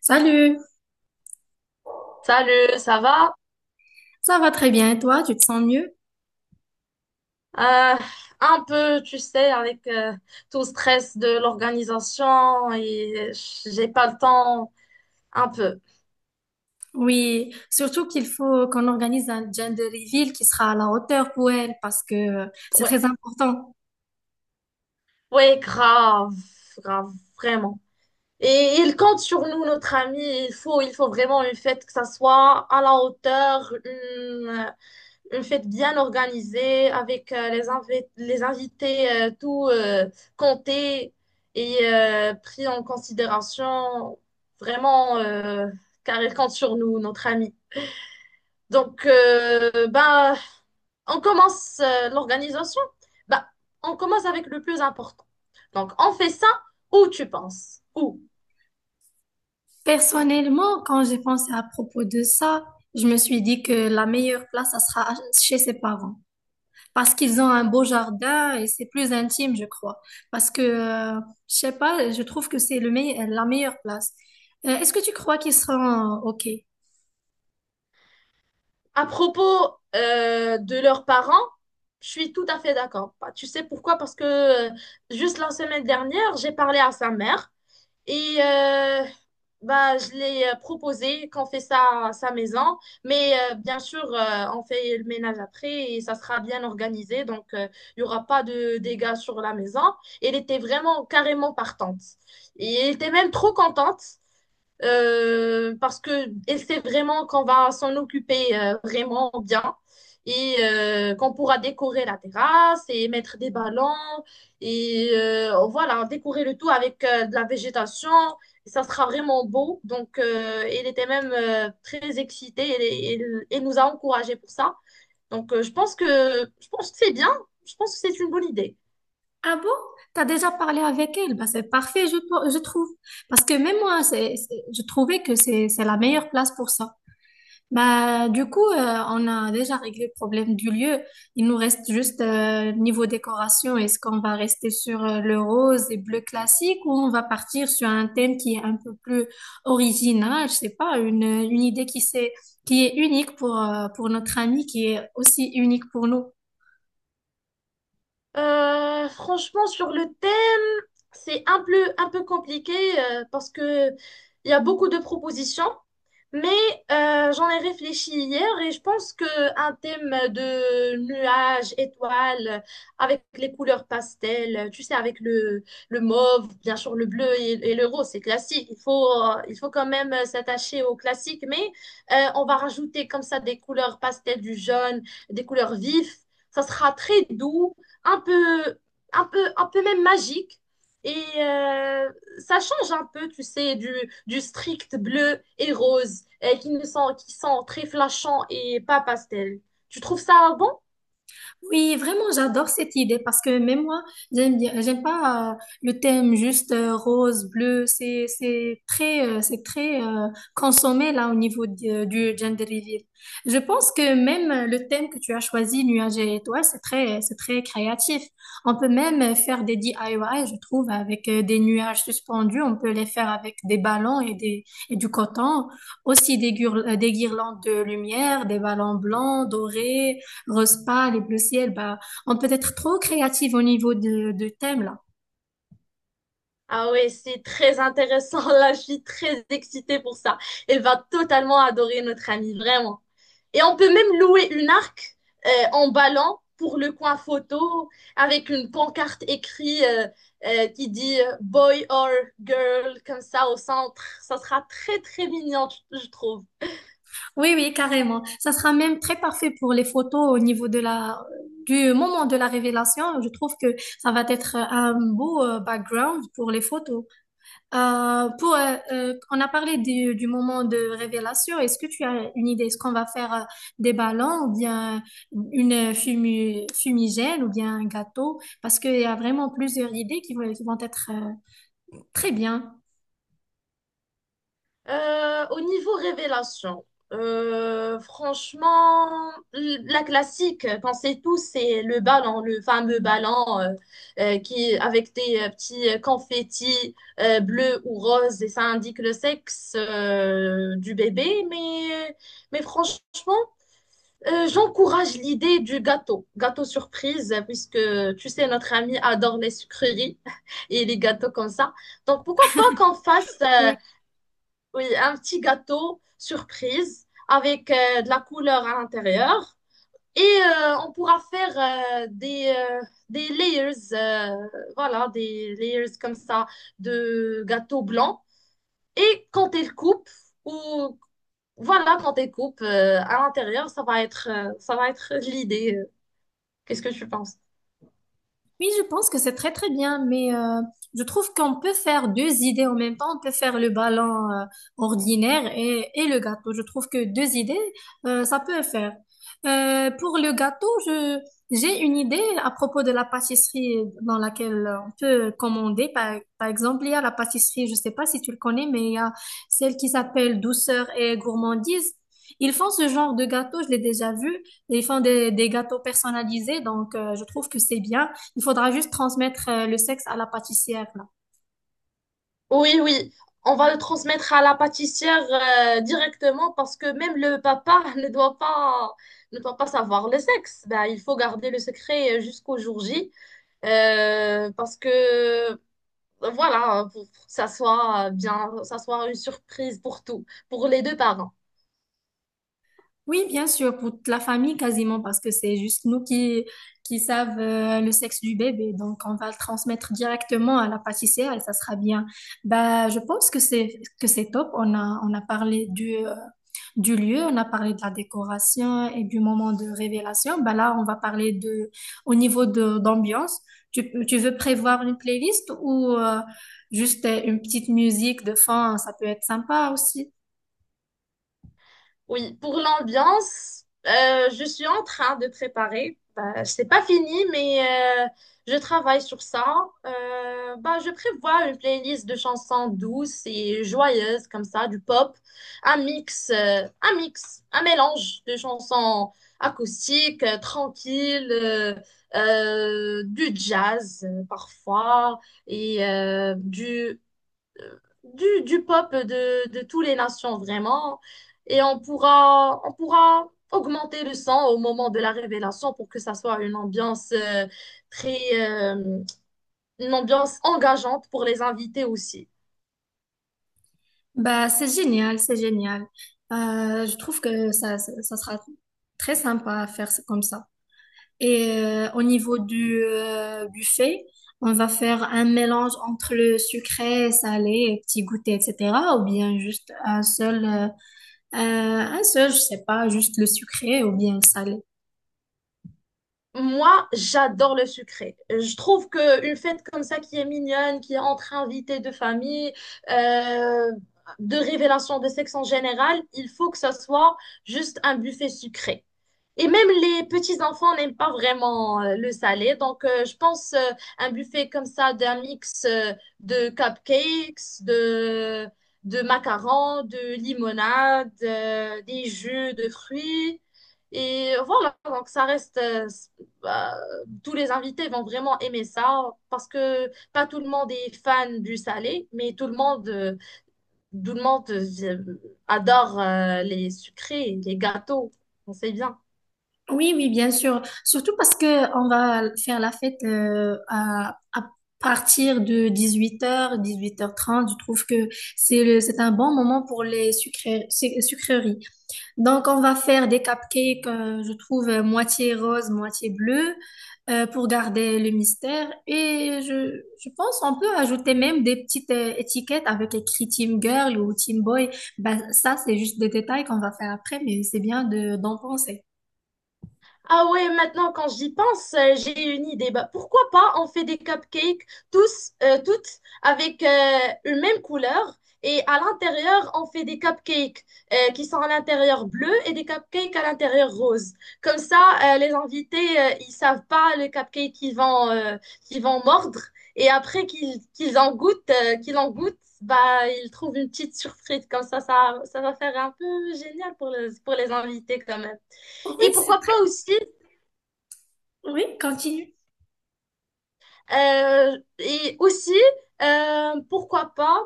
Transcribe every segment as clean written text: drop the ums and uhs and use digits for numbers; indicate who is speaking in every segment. Speaker 1: Salut,
Speaker 2: Salut, ça va?
Speaker 1: ça va très bien et toi, tu te sens mieux?
Speaker 2: Euh, un peu, tu sais, avec tout le stress de l'organisation et j'ai pas le temps, un peu.
Speaker 1: Oui, surtout qu'il faut qu'on organise un gender reveal qui sera à la hauteur pour elle parce que c'est
Speaker 2: Ouais,
Speaker 1: très important.
Speaker 2: ouais, grave, grave, vraiment. Et il compte sur nous, notre ami. Il faut vraiment une fête que ça soit à la hauteur, une fête bien organisée avec les invités tout compté et pris en considération. Vraiment, car il compte sur nous, notre ami. Donc, on commence l'organisation. Ben, on commence avec le plus important. Donc, on fait ça où tu penses? Où?
Speaker 1: Personnellement, quand j'ai pensé à propos de ça, je me suis dit que la meilleure place, ça sera chez ses parents parce qu'ils ont un beau jardin et c'est plus intime, je crois. Parce que, je sais pas, je trouve que c'est la meilleure place. Est-ce que tu crois qu'ils seront OK?
Speaker 2: À propos de leurs parents, je suis tout à fait d'accord. Bah, tu sais pourquoi? Parce que juste la semaine dernière, j'ai parlé à sa mère et bah, je l'ai proposé qu'on fait ça à sa maison. Mais bien sûr, on fait le ménage après et ça sera bien organisé. Donc, il y n'y aura pas de dégâts sur la maison. Elle était vraiment carrément partante. Et elle était même trop contente parce qu'elle sait vraiment qu'on va s'en occuper vraiment bien et qu'on pourra décorer la terrasse et mettre des ballons et voilà, décorer le tout avec de la végétation. Et ça sera vraiment beau. Donc, elle était même très excitée et nous a encouragés pour ça. Donc, je pense que c'est bien. Je pense que c'est une bonne idée.
Speaker 1: Ah bon? T'as déjà parlé avec elle? Bah, c'est parfait, je trouve. Parce que même moi, je trouvais que c'est la meilleure place pour ça. Bah, du coup, on a déjà réglé le problème du lieu. Il nous reste juste niveau décoration. Est-ce qu'on va rester sur le rose et bleu classique ou on va partir sur un thème qui est un peu plus original? Je sais pas, une idée qui est unique pour notre ami, qui est aussi unique pour nous.
Speaker 2: Franchement, sur le thème, c'est un peu compliqué parce que il y a beaucoup de propositions, mais j'en ai réfléchi hier et je pense que un thème de nuages, étoiles, avec les couleurs pastel, tu sais, avec le mauve, bien sûr le bleu et le rose, c'est classique. Il faut quand même s'attacher au classique, mais on va rajouter comme ça des couleurs pastel, du jaune, des couleurs vives. Ça sera très doux un peu, un peu même magique. Et ça change un peu, tu sais, du strict bleu et rose qui sont très flashants et pas pastel. Tu trouves ça bon?
Speaker 1: Oui, vraiment, j'adore cette idée parce que même moi, j'aime bien, j'aime pas le thème juste rose, bleu. C'est très consommé là au niveau du gender reveal. Je pense que même le thème que tu as choisi, nuages et étoiles, c'est très créatif. On peut même faire des DIY, je trouve, avec des nuages suspendus. On peut les faire avec des ballons et du coton. Aussi des guirlandes de lumière, des ballons blancs, dorés rose pâle et bleu ciel, bah, on peut être trop créative au niveau de thème, là.
Speaker 2: Ah ouais, c'est très intéressant. Là, je suis très excitée pour ça. Elle va totalement adorer notre amie, vraiment. Et on peut même louer une arc en ballon pour le coin photo avec une pancarte écrite qui dit boy or girl comme ça au centre. Ça sera très très mignon, je trouve.
Speaker 1: Oui, oui, carrément. Ça sera même très parfait pour les photos au niveau du moment de la révélation. Je trouve que ça va être un beau background pour les photos. On a parlé du moment de révélation. Est-ce que tu as une idée? Est-ce qu'on va faire des ballons ou bien une fumigène ou bien un gâteau? Parce qu'il y a vraiment plusieurs idées qui vont être très bien.
Speaker 2: Au niveau révélation, franchement, la classique qu'on sait tous, c'est le ballon, le fameux ballon euh, qui avec des petits confettis bleus ou roses et ça indique le sexe du bébé. Mais franchement, j'encourage l'idée du gâteau, gâteau surprise, puisque tu sais, notre ami adore les sucreries et les gâteaux comme ça. Donc pourquoi pas qu'on fasse oui, un petit gâteau surprise avec de la couleur à l'intérieur. Et on pourra faire euh, des, euh, des layers, voilà, des layers comme ça de gâteau blanc. Et quand elle coupe, ou voilà, quand elle coupe à l'intérieur, ça va être l'idée. Qu'est-ce que tu penses?
Speaker 1: Oui, je pense que c'est très très bien, mais je trouve qu'on peut faire deux idées en même temps. On peut faire le ballon ordinaire et le gâteau. Je trouve que deux idées, ça peut le faire. Pour le gâteau, j'ai une idée à propos de la pâtisserie dans laquelle on peut commander. Par exemple, il y a la pâtisserie, je sais pas si tu le connais, mais il y a celle qui s'appelle Douceur et Gourmandise. Ils font ce genre de gâteau, je l'ai déjà vu. Ils font des gâteaux personnalisés, donc je trouve que c'est bien. Il faudra juste transmettre le sexe à la pâtissière, là.
Speaker 2: Oui, oui, on va le transmettre à la pâtissière directement parce que même le papa ne doit pas savoir le sexe. Ben, il faut garder le secret jusqu'au jour J parce que voilà, pour que ça soit bien, ça soit une surprise pour tout, pour les deux parents.
Speaker 1: Oui, bien sûr, pour toute la famille quasiment, parce que c'est juste qui savent le sexe du bébé. Donc, on va le transmettre directement à la pâtissière et ça sera bien. Bah, je pense que c'est top. On a parlé du lieu, on a parlé de la décoration et du moment de révélation. Bah, là, on va parler de, au niveau de, d'ambiance. Tu veux prévoir une playlist ou juste une petite musique de fond, ça peut être sympa aussi.
Speaker 2: Oui, pour l'ambiance, je suis en train de préparer. Bah, c'est pas fini, mais je travaille sur ça. Bah, je prévois une playlist de chansons douces et joyeuses comme ça, du pop, un mélange de chansons acoustiques, tranquilles, du jazz parfois et du peuple de toutes les nations, vraiment. Et on pourra augmenter le son au moment de la révélation pour que ça soit très, euh, une ambiance engageante pour les invités aussi.
Speaker 1: Bah, c'est génial, c'est génial. Je trouve que ça sera très sympa à faire comme ça. Et au niveau du buffet, on va faire un mélange entre le sucré, salé, petit goûter, etc. Ou bien juste un seul, je sais pas, juste le sucré ou bien le salé.
Speaker 2: Moi, j'adore le sucré. Je trouve que une fête comme ça qui est mignonne, qui est entre invités de famille, euh, de révélation de sexe en général, il faut que ça soit juste un buffet sucré. Et même les petits enfants n'aiment pas vraiment le salé. Donc, je pense un buffet comme ça d'un mix de cupcakes, de macarons, de limonade, des jus de fruits. Et voilà, donc ça reste, bah, tous les invités vont vraiment aimer ça parce que pas tout le monde est fan du salé, mais tout le monde adore les sucrés, les gâteaux. On sait bien.
Speaker 1: Oui, oui, bien sûr. Surtout parce que on va faire la fête à partir de 18 h, 18 h 30. Je trouve que c'est un bon moment pour les sucreries. Donc, on va faire des cupcakes, je trouve, moitié rose, moitié bleu, pour garder le mystère. Et je pense on peut ajouter même des petites étiquettes avec écrit Team Girl ou Team Boy. Ben, ça, c'est juste des détails qu'on va faire après, mais c'est bien d'en penser.
Speaker 2: Ah ouais, maintenant quand j'y pense, j'ai une idée. Bah, pourquoi pas on fait des cupcakes toutes avec une même couleur et à l'intérieur on fait des cupcakes qui sont à l'intérieur bleu et des cupcakes à l'intérieur rose. Comme ça, les invités ils savent pas le cupcake qu'ils vont mordre et après qu'ils en goûtent, bah ils trouvent une petite surprise. Comme ça, ça va faire un peu génial pour les invités quand même.
Speaker 1: Oui,
Speaker 2: Et
Speaker 1: c'est
Speaker 2: pourquoi pas
Speaker 1: très.
Speaker 2: aussi
Speaker 1: Oui, continue.
Speaker 2: Euh, et aussi, pourquoi pas,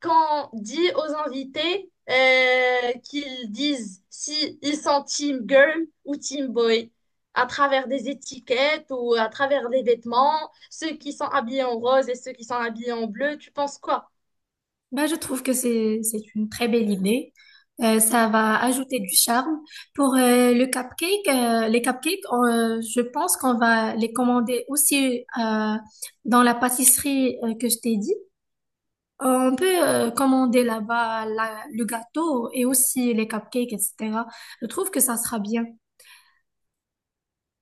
Speaker 2: quand on dit aux invités qu'ils disent si ils sont team girl ou team boy, à travers des étiquettes ou à travers des vêtements, ceux qui sont habillés en rose et ceux qui sont habillés en bleu, tu penses quoi?
Speaker 1: Bah, je trouve que c'est une très belle idée. Ça va ajouter du charme. Pour les cupcakes, je pense qu'on va les commander aussi dans la pâtisserie que je t'ai dit. On peut commander là-bas le gâteau et aussi les cupcakes, etc. Je trouve que ça sera bien.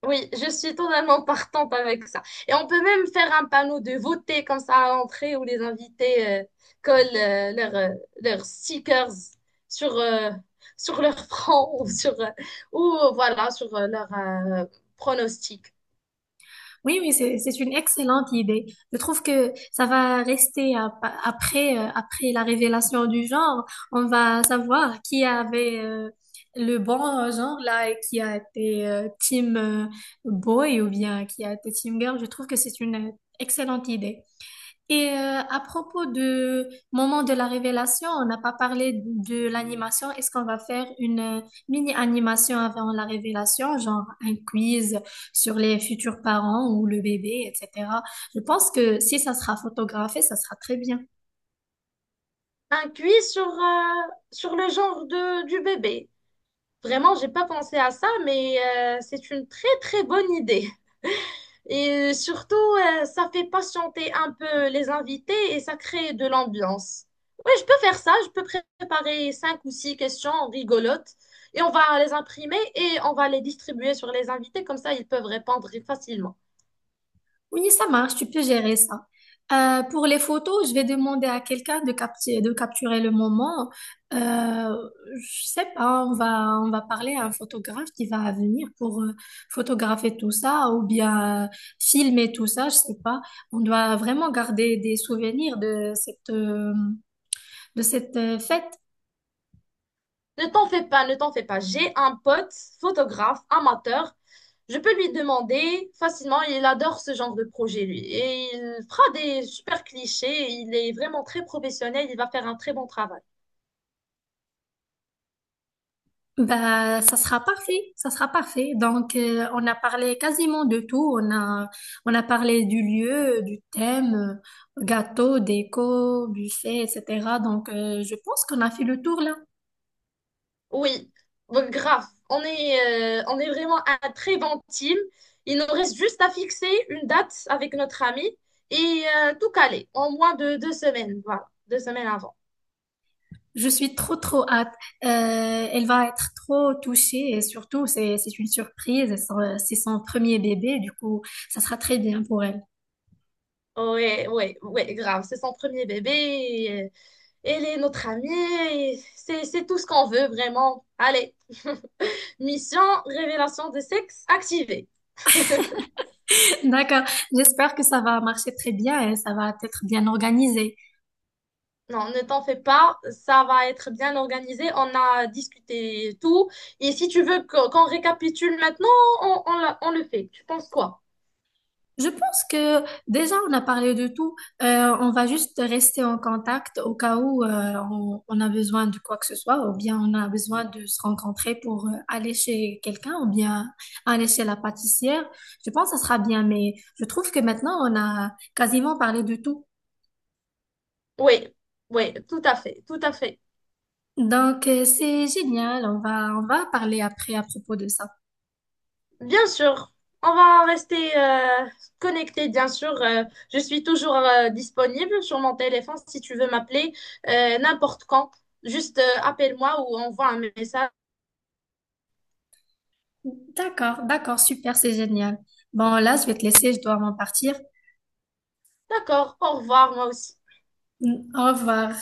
Speaker 2: Oui, je suis totalement partante avec ça. Et on peut même faire un panneau de voter comme ça à l'entrée où les invités collent leurs stickers sur, euh, sur leur front ou sur, ou voilà, sur leur pronostic.
Speaker 1: Oui, oui, c'est une excellente idée. Je trouve que ça va rester après la révélation du genre. On va savoir qui avait le bon genre là et qui a été team boy ou bien qui a été team girl. Je trouve que c'est une excellente idée. Et à propos de moment de la révélation, on n'a pas parlé de l'animation. Est-ce qu'on va faire une mini-animation avant la révélation, genre un quiz sur les futurs parents ou le bébé, etc. Je pense que si ça sera photographié, ça sera très bien.
Speaker 2: Un quiz sur le genre du bébé. Vraiment, j'ai pas pensé à ça, mais c'est une très très bonne idée. Et surtout, ça fait patienter un peu les invités et ça crée de l'ambiance. Oui, je peux faire ça. Je peux préparer cinq ou six questions rigolotes et on va les imprimer et on va les distribuer sur les invités. Comme ça, ils peuvent répondre facilement.
Speaker 1: Oui, ça marche, tu peux gérer ça. Pour les photos, je vais demander à quelqu'un de capturer le moment. Euh, je sais pas, on va parler à un photographe qui va venir pour photographier tout ça ou bien filmer tout ça, je sais pas. On doit vraiment garder des souvenirs de cette fête.
Speaker 2: Ne t'en fais pas, ne t'en fais pas. J'ai un pote, photographe, amateur. Je peux lui demander facilement. Il adore ce genre de projet, lui. Et il fera des super clichés. Il est vraiment très professionnel. Il va faire un très bon travail.
Speaker 1: Bah, ça sera parfait, ça sera parfait. Donc, on a parlé quasiment de tout. On a parlé du lieu, du thème, gâteau, déco, buffet, etc. Donc, je pense qu'on a fait le tour là.
Speaker 2: Oui, bon, grave. On est vraiment un très bon team. Il nous reste juste à fixer une date avec notre ami et tout caler en moins de 2 semaines. Voilà, 2 semaines avant.
Speaker 1: Je suis trop, trop hâte. Euh, elle va être trop touchée et surtout, c'est une surprise. C'est son premier bébé, du coup, ça sera très bien pour elle.
Speaker 2: Ouais, ouais, ouais, grave. C'est son premier bébé, et elle est notre amie. Et c'est tout ce qu'on veut, vraiment. Allez, mission, révélation de sexe activée.
Speaker 1: D'accord. J'espère que ça va marcher très bien et ça va être bien organisé.
Speaker 2: Non, ne t'en fais pas, ça va être bien organisé. On a discuté tout. Et si tu veux qu'on récapitule maintenant, on le fait. Tu penses quoi?
Speaker 1: Je pense que déjà on a parlé de tout. On va juste rester en contact au cas où on a besoin de quoi que ce soit, ou bien on a besoin de se rencontrer pour aller chez quelqu'un, ou bien aller chez la pâtissière. Je pense que ça sera bien, mais je trouve que maintenant on a quasiment parlé de tout.
Speaker 2: Oui, oui, tout à fait, tout à fait.
Speaker 1: Donc c'est génial. On va parler après à propos de ça.
Speaker 2: Bien sûr, on va rester connectés, bien sûr. Je suis toujours disponible sur mon téléphone si tu veux m'appeler n'importe quand. Juste appelle-moi ou envoie un message.
Speaker 1: D'accord, d'accord, super, c'est génial. Bon là je vais te laisser, je dois m'en partir.
Speaker 2: D'accord, au revoir, moi aussi.
Speaker 1: Au revoir.